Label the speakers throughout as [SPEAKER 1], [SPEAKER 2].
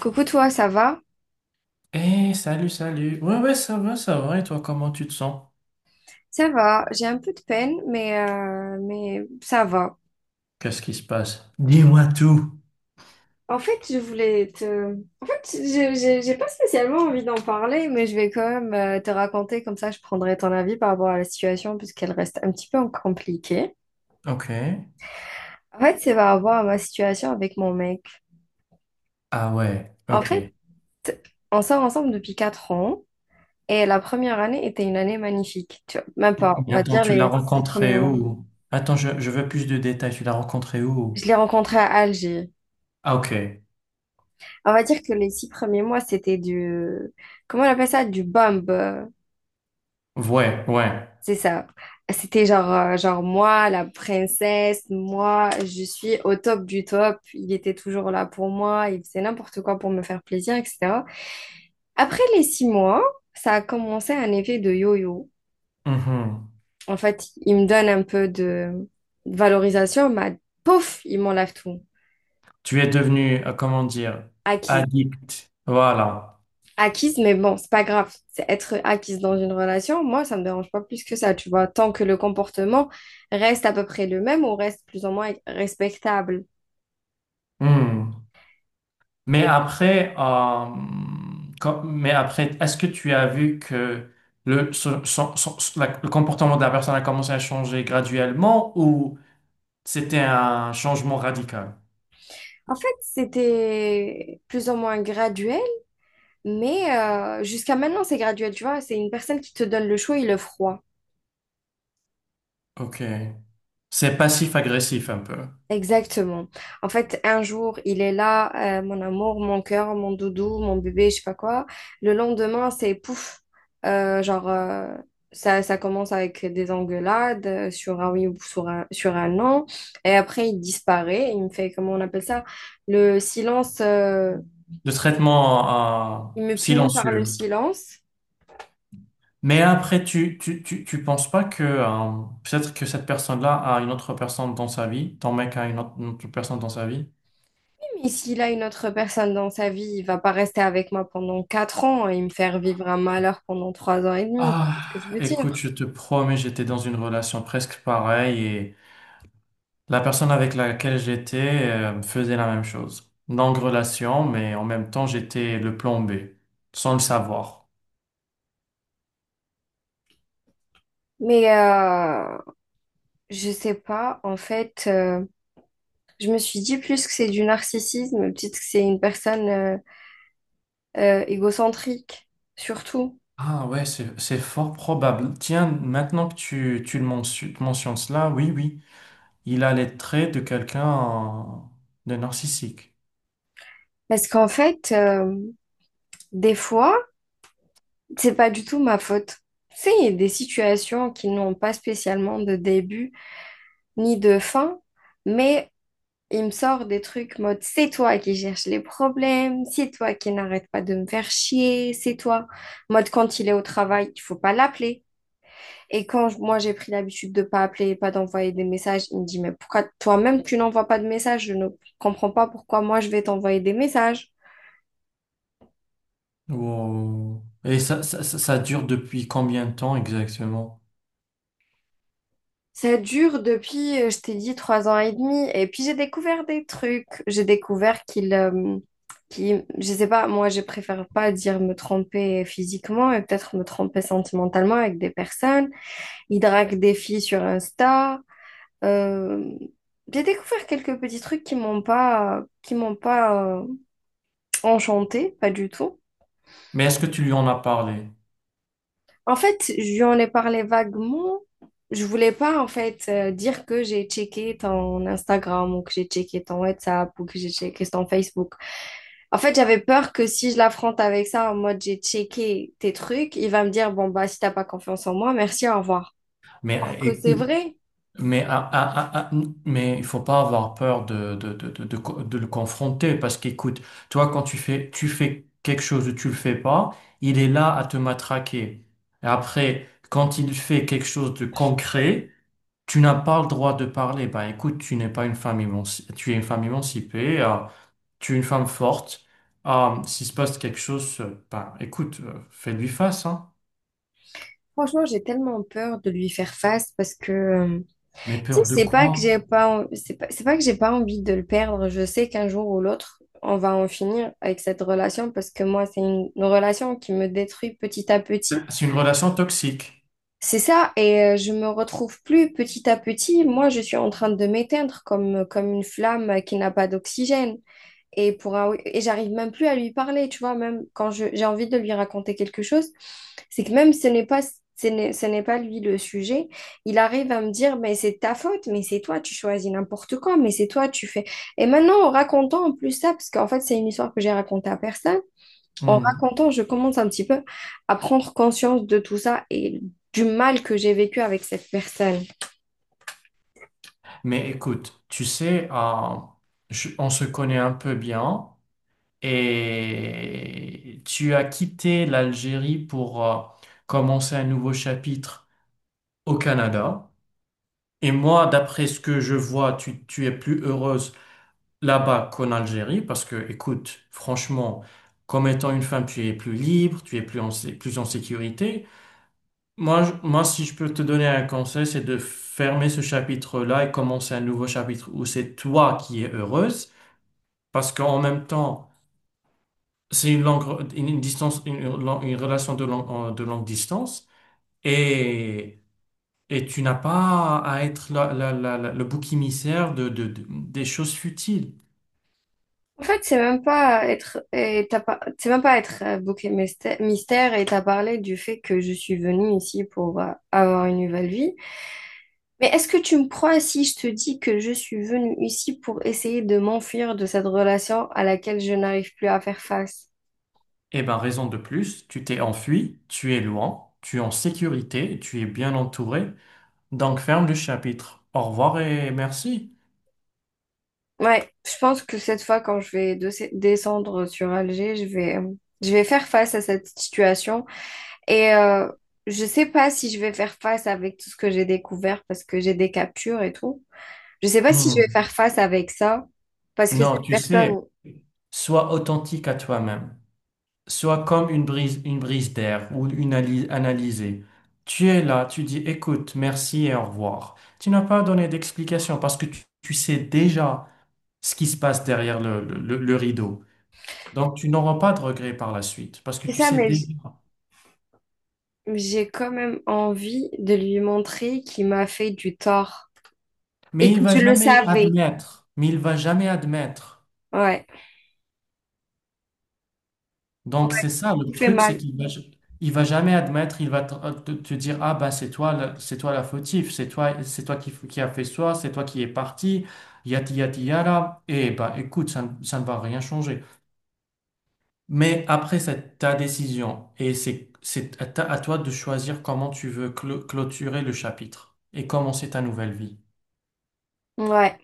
[SPEAKER 1] Coucou toi, ça va?
[SPEAKER 2] Eh, salut, salut. Ouais, ouais, ça va, ça va. Et toi, comment tu te sens?
[SPEAKER 1] Ça va, j'ai un peu de peine, mais ça va.
[SPEAKER 2] Qu'est-ce qui se passe? Dis-moi tout.
[SPEAKER 1] En fait, je voulais te... En fait, j'ai pas spécialement envie d'en parler, mais je vais quand même te raconter, comme ça je prendrai ton avis par rapport à la situation, puisqu'elle reste un petit peu compliquée.
[SPEAKER 2] Ok.
[SPEAKER 1] En fait, c'est par rapport à ma situation avec mon mec.
[SPEAKER 2] Ah ouais,
[SPEAKER 1] En fait,
[SPEAKER 2] ok.
[SPEAKER 1] on sort ensemble depuis 4 ans, et la première année était une année magnifique. Tu vois, même pas, on
[SPEAKER 2] Mais
[SPEAKER 1] va
[SPEAKER 2] attends,
[SPEAKER 1] dire
[SPEAKER 2] tu l'as
[SPEAKER 1] les six premiers
[SPEAKER 2] rencontré
[SPEAKER 1] mois.
[SPEAKER 2] où? Attends, je veux plus de détails. Tu l'as rencontré
[SPEAKER 1] Je
[SPEAKER 2] où?
[SPEAKER 1] l'ai rencontré à Alger.
[SPEAKER 2] Ah, ok.
[SPEAKER 1] On va dire que les six premiers mois, c'était du... Comment on appelle ça? Du bomb.
[SPEAKER 2] Ouais, ouais.
[SPEAKER 1] C'est ça. C'était genre moi, la princesse, moi, je suis au top du top. Il était toujours là pour moi, il faisait n'importe quoi pour me faire plaisir, etc. Après les six mois, ça a commencé un effet de yo-yo.
[SPEAKER 2] Mhm.
[SPEAKER 1] En fait, il me donne un peu de valorisation, mais pouf, il m'enlève tout.
[SPEAKER 2] Tu es devenu, comment dire,
[SPEAKER 1] Acquis
[SPEAKER 2] addict. Voilà.
[SPEAKER 1] acquise, mais bon, c'est pas grave. C'est être acquise dans une relation, moi, ça me dérange pas plus que ça, tu vois. Tant que le comportement reste à peu près le même ou reste plus ou moins respectable.
[SPEAKER 2] Hmm. Mais
[SPEAKER 1] Et
[SPEAKER 2] après, mais après, est-ce que tu as vu que le comportement de la personne a commencé à changer graduellement ou c'était un changement radical?
[SPEAKER 1] en fait, c'était plus ou moins graduel, mais jusqu'à maintenant, c'est graduel, tu vois. C'est une personne qui te donne le chaud et le froid.
[SPEAKER 2] Ok. C'est passif-agressif un peu.
[SPEAKER 1] Exactement. En fait, un jour, il est là, mon amour, mon cœur, mon doudou, mon bébé, je sais pas quoi. Le lendemain, c'est pouf. Euh, genre, euh, ça commence avec des engueulades sur un oui ou sur un non. Et après, il disparaît. Il me fait, comment on appelle ça? Le silence.
[SPEAKER 2] De traitement,
[SPEAKER 1] Il me punit par le
[SPEAKER 2] silencieux.
[SPEAKER 1] silence.
[SPEAKER 2] Mais après, tu penses pas que peut-être que cette personne-là a une autre personne dans sa vie, ton mec a une autre personne dans sa vie?
[SPEAKER 1] Mais s'il a une autre personne dans sa vie, il va pas rester avec moi pendant quatre ans et me faire vivre un malheur pendant trois ans et demi. Tu vois
[SPEAKER 2] Ah,
[SPEAKER 1] ce que je veux
[SPEAKER 2] écoute,
[SPEAKER 1] dire?
[SPEAKER 2] je te promets, j'étais dans une relation presque pareille et la personne avec laquelle j'étais faisait la même chose. Longue relation, mais en même temps, j'étais le plan B, sans le savoir.
[SPEAKER 1] Mais euh, Je sais pas, en fait, je me suis dit plus que c'est du narcissisme, peut-être que c'est une personne égocentrique, surtout.
[SPEAKER 2] Ah ouais, c'est fort probable. Tiens, maintenant que tu le mentionnes, mentionnes cela, oui, oui, il a les traits de quelqu'un de narcissique.
[SPEAKER 1] Parce qu'en fait, des fois, c'est pas du tout ma faute. Tu sais, il y a des situations qui n'ont pas spécialement de début ni de fin, mais il me sort des trucs mode c'est toi qui cherches les problèmes, c'est toi qui n'arrête pas de me faire chier, c'est toi. Mode quand il est au travail, il faut pas l'appeler. Et moi j'ai pris l'habitude de pas appeler pas d'envoyer des messages, il me dit, mais pourquoi toi-même tu n'envoies pas de messages? Je ne comprends pas pourquoi moi je vais t'envoyer des messages.
[SPEAKER 2] Wow. Et ça dure depuis combien de temps exactement?
[SPEAKER 1] Ça dure depuis, je t'ai dit, trois ans et demi. Et puis j'ai découvert des trucs. J'ai découvert je sais pas, moi je préfère pas dire me tromper physiquement et peut-être me tromper sentimentalement avec des personnes. Il drague des filles sur Insta. Euh, j'ai découvert quelques petits trucs qui m'ont pas enchantée, pas du tout.
[SPEAKER 2] Mais est-ce que tu lui en as parlé?
[SPEAKER 1] En fait, je lui en ai parlé vaguement. Je voulais pas, en fait, dire que j'ai checké ton Instagram ou que j'ai checké ton WhatsApp ou que j'ai checké ton Facebook. En fait, j'avais peur que si je l'affronte avec ça, en mode j'ai checké tes trucs, il va me dire, bon, bah, si t'as pas confiance en moi, merci, au revoir.
[SPEAKER 2] Mais
[SPEAKER 1] Or que c'est
[SPEAKER 2] écoute,
[SPEAKER 1] vrai.
[SPEAKER 2] mais, mais il faut pas avoir peur de le confronter parce qu'écoute, toi, quand tu fais quelque chose ou tu le fais pas, il est là à te matraquer. Et après, quand il fait quelque chose de concret, tu n'as pas le droit de parler. Ben écoute, tu n'es pas une femme émancipée, tu es une femme émancipée. Tu es une femme forte. Ah, s'il se passe quelque chose, ben, écoute, fais-lui face, hein.
[SPEAKER 1] Franchement, j'ai tellement peur de lui faire face parce que, tu
[SPEAKER 2] Mais
[SPEAKER 1] sais,
[SPEAKER 2] peur de
[SPEAKER 1] c'est pas que
[SPEAKER 2] quoi?
[SPEAKER 1] j'ai pas, en- c'est pas que j'ai pas envie de le perdre. Je sais qu'un jour ou l'autre, on va en finir avec cette relation parce que moi, c'est une relation qui me détruit petit à petit.
[SPEAKER 2] C'est une relation toxique.
[SPEAKER 1] C'est ça, et je me retrouve plus petit à petit. Moi, je suis en train de m'éteindre comme, comme une flamme qui n'a pas d'oxygène. Et, et j'arrive même plus à lui parler, tu vois, même j'ai envie de lui raconter quelque chose, c'est que même ce n'est pas lui le sujet, il arrive à me dire, mais c'est ta faute, mais c'est toi, tu choisis n'importe quoi, mais c'est toi, tu fais. Et maintenant, en racontant en plus ça, parce qu'en fait, c'est une histoire que j'ai racontée à personne, en
[SPEAKER 2] Hmm.
[SPEAKER 1] racontant, je commence un petit peu à prendre conscience de tout ça et du mal que j'ai vécu avec cette personne.
[SPEAKER 2] Mais écoute, tu sais, on se connaît un peu bien et tu as quitté l'Algérie pour commencer un nouveau chapitre au Canada. Et moi, d'après ce que je vois, tu es plus heureuse là-bas qu'en Algérie parce que, écoute, franchement, comme étant une femme, tu es plus libre, tu es plus en, plus en sécurité. Moi, si je peux te donner un conseil, c'est de fermer ce chapitre-là et commencer un nouveau chapitre où c'est toi qui es heureuse parce qu'en même temps, c'est une langue, une distance, une relation de longue distance et, et tu n'as pas à être le bouc émissaire de des choses futiles.
[SPEAKER 1] En fait, c'est même pas être, et t'as pas, c'est même pas être bouc et mystère, et t'as parlé du fait que je suis venue ici pour avoir une nouvelle vie. Mais est-ce que tu me crois si je te dis que je suis venue ici pour essayer de m'enfuir de cette relation à laquelle je n'arrive plus à faire face?
[SPEAKER 2] Eh ben, raison de plus, tu t'es enfui, tu es loin, tu es en sécurité, tu es bien entouré. Donc, ferme le chapitre. Au revoir et merci.
[SPEAKER 1] Ouais, je pense que cette fois, quand je vais descendre sur Alger, je vais faire face à cette situation et je sais pas si je vais faire face avec tout ce que j'ai découvert parce que j'ai des captures et tout. Je sais pas si je vais
[SPEAKER 2] Hmm.
[SPEAKER 1] faire face avec ça, parce que
[SPEAKER 2] Non,
[SPEAKER 1] cette
[SPEAKER 2] tu sais,
[SPEAKER 1] personne,
[SPEAKER 2] sois authentique à toi-même. Sois comme une brise d'air ou une analysée. Tu es là, tu dis écoute, merci et au revoir. Tu n'as pas donné d'explication parce que tu sais déjà ce qui se passe derrière le rideau. Donc, tu n'auras pas de regrets par la suite parce que
[SPEAKER 1] c'est
[SPEAKER 2] tu
[SPEAKER 1] ça,
[SPEAKER 2] sais
[SPEAKER 1] mais
[SPEAKER 2] déjà.
[SPEAKER 1] j'ai quand même envie de lui montrer qu'il m'a fait du tort et
[SPEAKER 2] Mais il
[SPEAKER 1] que
[SPEAKER 2] va
[SPEAKER 1] je le
[SPEAKER 2] jamais
[SPEAKER 1] savais.
[SPEAKER 2] admettre. Mais il va jamais admettre.
[SPEAKER 1] Ouais,
[SPEAKER 2] Donc c'est ça le
[SPEAKER 1] il fait
[SPEAKER 2] truc, c'est
[SPEAKER 1] mal.
[SPEAKER 2] qu'il va, il va jamais admettre. Il va te, te dire ah bah c'est toi, c'est toi la fautive, c'est toi qui a fait ça, c'est toi qui est parti, yati yati yara. Et bah écoute, ça ne va rien changer. Mais après c'est ta décision et c'est à à toi de choisir comment tu veux clôturer le chapitre et commencer ta nouvelle vie.
[SPEAKER 1] Ouais,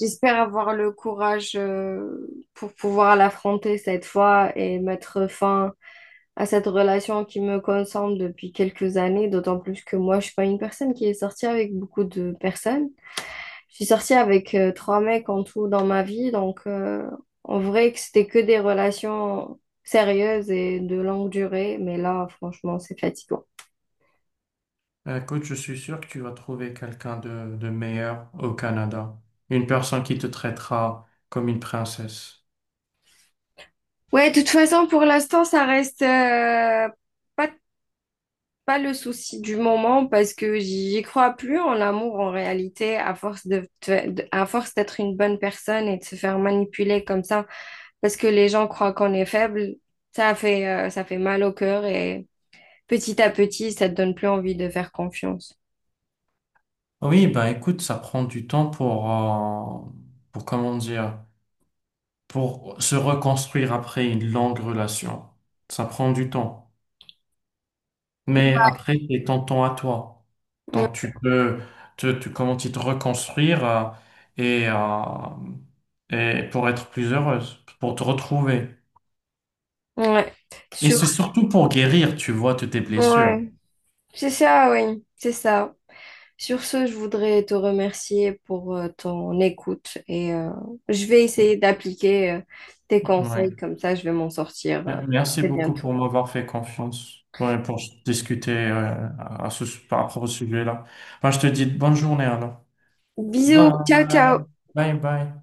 [SPEAKER 1] j'espère avoir le courage pour pouvoir l'affronter cette fois et mettre fin à cette relation qui me consomme depuis quelques années, d'autant plus que moi, je suis pas une personne qui est sortie avec beaucoup de personnes. Je suis sortie avec trois mecs en tout dans ma vie, donc en vrai que c'était que des relations sérieuses et de longue durée, mais là, franchement, c'est fatigant.
[SPEAKER 2] Écoute, je suis sûr que tu vas trouver quelqu'un de meilleur au Canada. Une personne qui te traitera comme une princesse.
[SPEAKER 1] Ouais, de toute façon, pour l'instant, ça reste pas, pas le souci du moment parce que j'y crois plus en l'amour en réalité, à force de, à force d'être une bonne personne et de se faire manipuler comme ça, parce que les gens croient qu'on est faible, ça fait mal au cœur et petit à petit, ça te donne plus envie de faire confiance.
[SPEAKER 2] Oui, ben écoute, ça prend du temps pour comment dire, pour se reconstruire après une longue relation. Ça prend du temps. Mais après, c'est ton temps à toi.
[SPEAKER 1] Mm.
[SPEAKER 2] Donc tu peux comment dire, te reconstruire et, euh, et pour être plus heureuse, pour te retrouver.
[SPEAKER 1] Ouais.
[SPEAKER 2] Et
[SPEAKER 1] Sur...
[SPEAKER 2] c'est surtout pour guérir, tu vois, de tes blessures.
[SPEAKER 1] Ouais. C'est ça, oui. C'est ça. Sur ce, je voudrais te remercier pour ton écoute et je vais essayer d'appliquer tes
[SPEAKER 2] Oui.
[SPEAKER 1] conseils, comme ça je vais m'en sortir
[SPEAKER 2] Merci
[SPEAKER 1] très
[SPEAKER 2] beaucoup
[SPEAKER 1] bientôt.
[SPEAKER 2] pour m'avoir fait confiance ouais, pour discuter à ce, par rapport au sujet-là. Enfin, je te dis bonne journée alors.
[SPEAKER 1] Bisous,
[SPEAKER 2] Bye.
[SPEAKER 1] ciao, ciao.
[SPEAKER 2] Bye bye.